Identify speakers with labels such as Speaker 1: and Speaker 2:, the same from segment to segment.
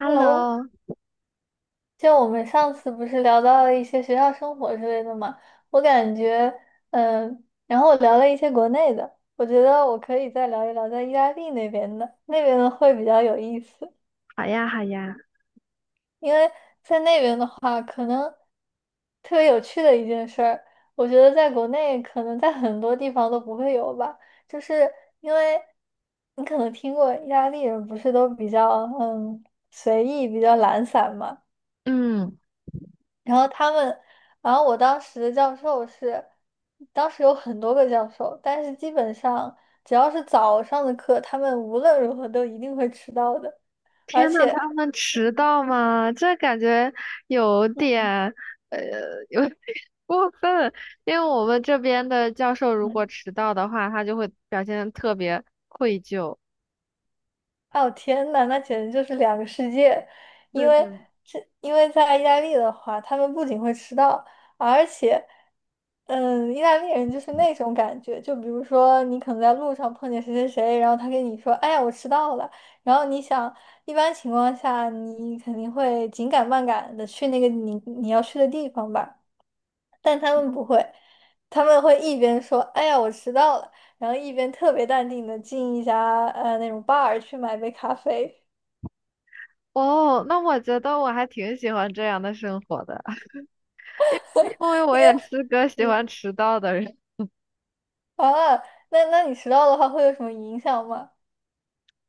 Speaker 1: Hello，
Speaker 2: Hello，
Speaker 1: 就我们上次不是聊到了一些学校生活之类的嘛，我感觉，然后我聊了一些国内的，我觉得我可以再聊一聊在意大利那边的，那边的会比较有意思。
Speaker 2: 好呀，好呀。
Speaker 1: 因为在那边的话，可能特别有趣的一件事儿，我觉得在国内可能在很多地方都不会有吧，就是因为你可能听过意大利人不是都比较嗯随意、比较懒散嘛。
Speaker 2: 嗯，
Speaker 1: 然后他们，然后我当时的教授是，当时有很多个教授，但是基本上只要是早上的课，他们无论如何都一定会迟到的。而
Speaker 2: 天呐，
Speaker 1: 且，
Speaker 2: 他们迟到吗？这感觉有点，呃，有点 过分。因为我们这边的教授如果
Speaker 1: 嗯，
Speaker 2: 迟到的话，他就会表现得特别愧疚。
Speaker 1: 哦，天呐，那简直就是两个世界。因
Speaker 2: 对的。
Speaker 1: 为因为在意大利的话，他们不仅会迟到，而且，意大利人就是那种感觉，就比如说你可能在路上碰见谁谁谁，然后他跟你说，哎呀，我迟到了。然后你想，一般情况下你肯定会紧赶慢赶的去那个你要去的地方吧。但他们不会，他们会一边说"哎呀，我迟到了"，然后一边特别淡定的进一家那种 bar 去买杯咖啡。
Speaker 2: 哦，那我觉得我还挺喜欢这样的生活的，因为我
Speaker 1: 因为
Speaker 2: 也是个喜
Speaker 1: 嗯
Speaker 2: 欢迟到的人。
Speaker 1: 啊，那你迟到的话会有什么影响吗？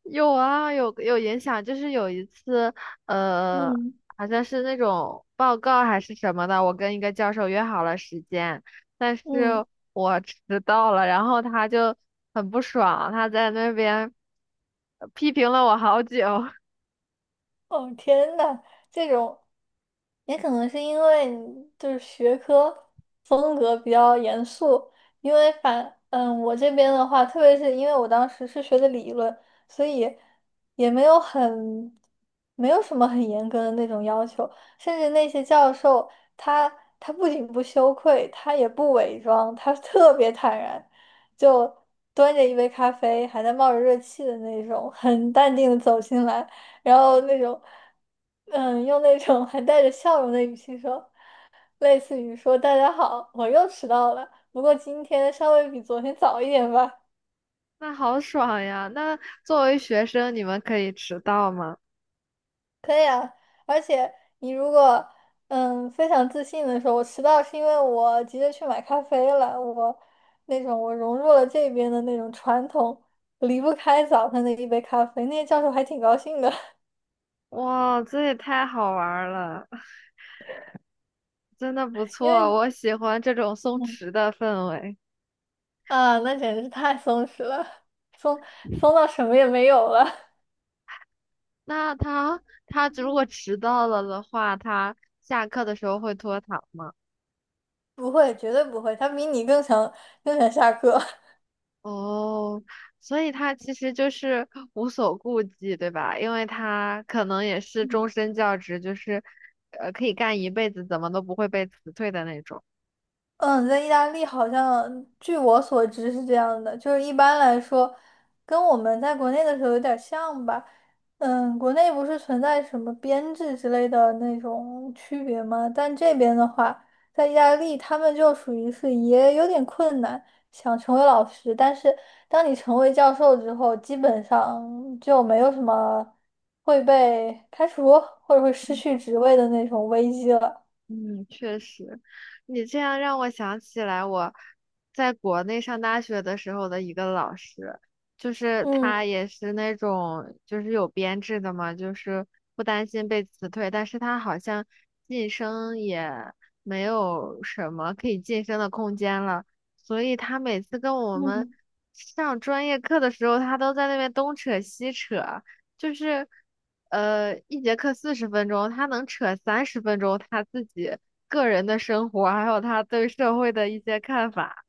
Speaker 2: 有啊，有影响，就是有一次，呃，
Speaker 1: 嗯
Speaker 2: 好像是那种报告还是什么的，我跟一个教授约好了时间，但是
Speaker 1: 嗯。
Speaker 2: 我迟到了，然后他就很不爽，他在那边批评了我好久，
Speaker 1: 哦，天呐，这种也可能是因为你就是学科风格比较严肃。因为我这边的话，特别是因为我当时是学的理论，所以也没有什么很严格的那种要求，甚至那些教授他他不仅不羞愧，他也不伪装，他特别坦然，就端着一杯咖啡，还在冒着热气的那种，很淡定的走进来。然后那种，用那种还带着笑容的语气说，类似于说"大家好，我又迟到了，不过今天稍微比昨天早一点吧。"
Speaker 2: 那好爽呀！那作为学生，你们可以迟到吗？
Speaker 1: 可以啊，而且你如果非常自信的说，我迟到是因为我急着去买咖啡了，那种我融入了这边的那种传统，离不开早上的一杯咖啡，那些教授还挺高兴的。
Speaker 2: 哇，这也太好玩儿了，真的不
Speaker 1: 因
Speaker 2: 错，
Speaker 1: 为
Speaker 2: 我喜欢这种松
Speaker 1: 嗯
Speaker 2: 弛的氛围。
Speaker 1: 啊，那简直是太松弛了，松松到什么也没有了。
Speaker 2: 那他如果迟到了的话，他下课的时候会拖堂吗？
Speaker 1: 不会，绝对不会，他比你更想下课。
Speaker 2: 哦，所以他其实就是无所顾忌，对吧？因为他可能也是终身教职，就是可以干一辈子，怎么都不会被辞退的那种。
Speaker 1: 嗯。在意大利好像据我所知是这样的，就是一般来说，跟我们在国内的时候有点像吧。国内不是存在什么编制之类的那种区别吗？但这边的话，在意大利他们就属于是也有点困难，想成为老师，但是当你成为教授之后，基本上就没有什么会被开除或者会失去职位的那种危机了。
Speaker 2: 嗯，确实，你这样让我想起来我在国内上大学的时候的一个老师，就是
Speaker 1: 嗯
Speaker 2: 他也是那种就是有编制的嘛，就是不担心被辞退，但是他好像晋升也没有什么可以晋升的空间了，所以他每次跟我们
Speaker 1: 嗯。
Speaker 2: 上专业课的时候，他都在那边东扯西扯。就是一节课40分钟，他能扯30分钟他自己个人的生活，还有他对社会的一些看法。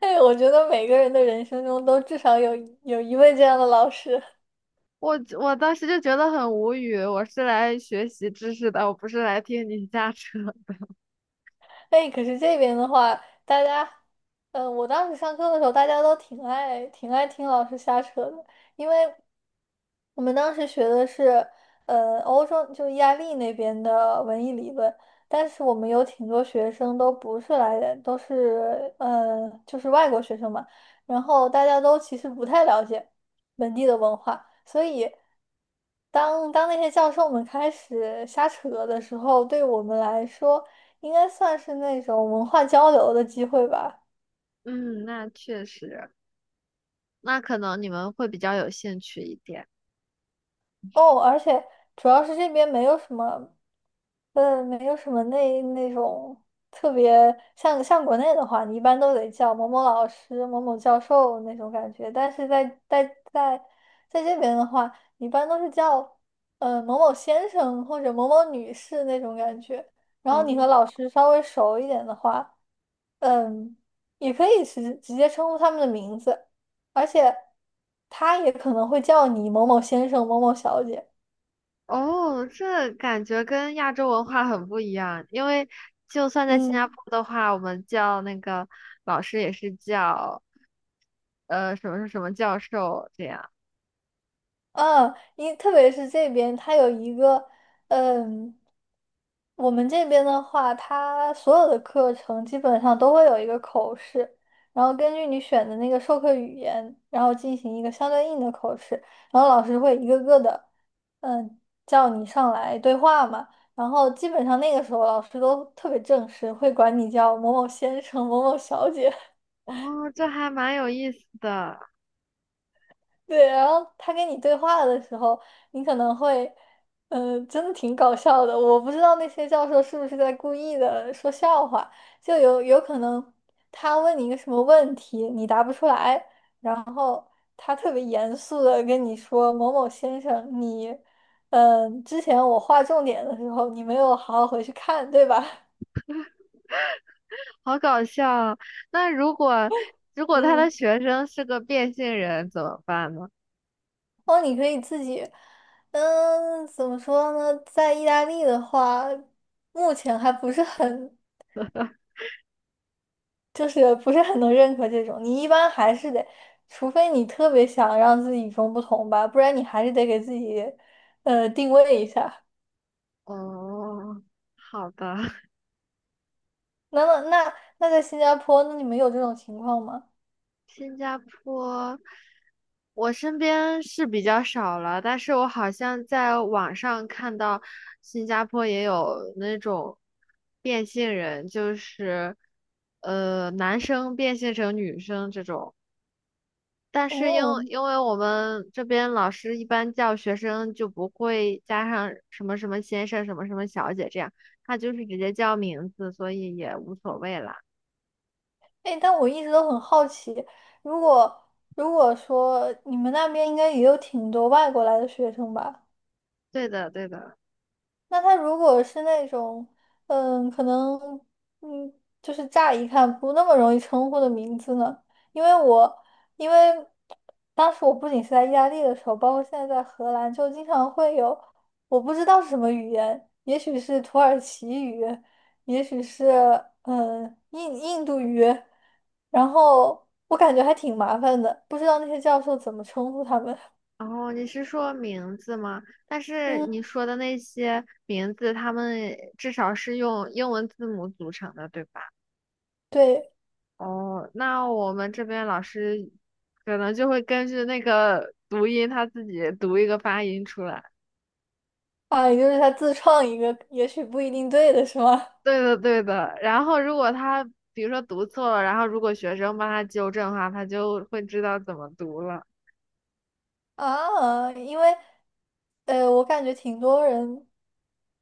Speaker 1: 哎，我觉得每个人的人生中都至少有一位这样的老师。
Speaker 2: 我当时就觉得很无语，我是来学习知识的，我不是来听你瞎扯。
Speaker 1: 哎，可是这边的话，大家，我当时上课的时候，大家都挺爱听老师瞎扯的，因为我们当时学的是，欧洲就意大利那边的文艺理论，但是我们有挺多学生都不是来人，都是，就是外国学生嘛，然后大家都其实不太了解本地的文化，所以。当那些教授们开始瞎扯的时候，对我们来说。应该算是那种文化交流的机会吧。
Speaker 2: 嗯，那确实，那可能你们会比较有兴趣一点。
Speaker 1: 哦，而且主要是这边没有什么，没有什么那种特别像国内的话，你一般都得叫某某老师、某某教授那种感觉。但是在在这边的话，一般都是叫某某先生或者某某女士那种感觉。然后
Speaker 2: 哦
Speaker 1: 你和老师稍微熟一点的话，嗯，也可以直接称呼他们的名字。而且他也可能会叫你某某先生、某某小姐。
Speaker 2: 哦，这感觉跟亚洲文化很不一样，因为就算在新加
Speaker 1: 嗯
Speaker 2: 坡的话，我们叫那个老师也是叫什么是什么教授这样。
Speaker 1: 特别是这边，他有一个，嗯，我们这边的话，他所有的课程基本上都会有一个口试，然后根据你选的那个授课语言，然后进行一个相对应的口试，然后老师会一个个的，嗯，叫你上来对话嘛。然后基本上那个时候，老师都特别正式，会管你叫某某先生、某某小姐。
Speaker 2: 哦，这还蛮有意思的，
Speaker 1: 对，然后他跟你对话的时候，你可能会，真的挺搞笑的。我不知道那些教授是不是在故意的说笑话，就有可能他问你一个什么问题，你答不出来，然后他特别严肃的跟你说："某某先生，你，之前我划重点的时候，你没有好好回去看，对吧？"
Speaker 2: 好搞笑啊。那如 果他
Speaker 1: 嗯。
Speaker 2: 的学生是个变性人怎么办呢？
Speaker 1: 哦，你可以自己，怎么说呢？在意大利的话，目前还不是很，就是不是很能认可这种。你一般还是得，除非你特别想让自己与众不同吧，不然你还是得给自己，定位一下。
Speaker 2: 哦，好的，
Speaker 1: 那那那在新加坡，那你们有这种情况吗？
Speaker 2: 新加坡。我身边是比较少了，但是我好像在网上看到新加坡也有那种变性人，就是男生变性成女生这种。但是因
Speaker 1: 哦，
Speaker 2: 为因为我们这边老师一般叫学生就不会加上什么什么先生、什么什么小姐这样，他就是直接叫名字，所以也无所谓啦。
Speaker 1: 哎，但我一直都很好奇，如果说你们那边应该也有挺多外国来的学生吧？
Speaker 2: 对的，对的。
Speaker 1: 那他如果是那种，可能，嗯，就是乍一看不那么容易称呼的名字呢？因为我，因为当时我不仅是在意大利的时候，包括现在在荷兰，就经常会有我不知道是什么语言，也许是土耳其语，也许是印度语，然后我感觉还挺麻烦的，不知道那些教授怎么称呼他们。
Speaker 2: 然后你是说名字吗？但是
Speaker 1: 嗯，
Speaker 2: 你说的那些名字，他们至少是用英文字母组成的，对吧？
Speaker 1: 对。
Speaker 2: 哦，那我们这边老师可能就会根据那个读音，他自己读一个发音出来。
Speaker 1: 啊，也就是他自创一个，也许不一定对的是吗？
Speaker 2: 对的，对的。然后，如果他比如说读错了，然后如果学生帮他纠正的话，他就会知道怎么读了。
Speaker 1: 啊，因为，我感觉挺多人，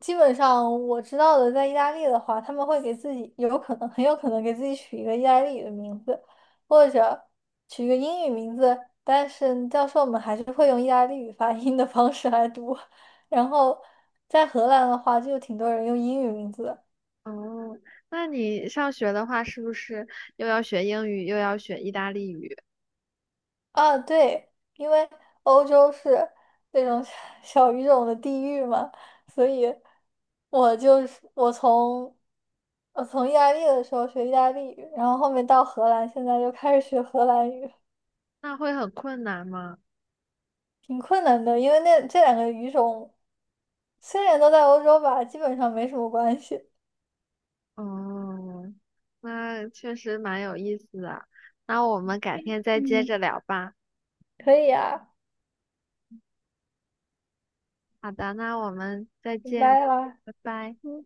Speaker 1: 基本上我知道的，在意大利的话，他们会给自己有可能，很有可能给自己取一个意大利语的名字，或者取一个英语名字，但是教授们还是会用意大利语发音的方式来读。然后在荷兰的话，就有挺多人用英语名字的。
Speaker 2: 哦，那你上学的话，是不是又要学英语，又要学意大利语？
Speaker 1: 啊，对，因为欧洲是那种小语种的地域嘛，所以我就是我从意大利的时候学意大利语，然后后面到荷兰，现在又开始学荷兰语，
Speaker 2: 那会很困难吗？
Speaker 1: 挺困难的，因为那这两个语种虽然都在欧洲吧，基本上没什么关系。
Speaker 2: 哦，那确实蛮有意思的。那我们改天再接
Speaker 1: 嗯，
Speaker 2: 着聊吧。
Speaker 1: 可以啊，
Speaker 2: 好的，那我们再
Speaker 1: 拜
Speaker 2: 见吧，
Speaker 1: 拜啦。
Speaker 2: 拜拜。
Speaker 1: 嗯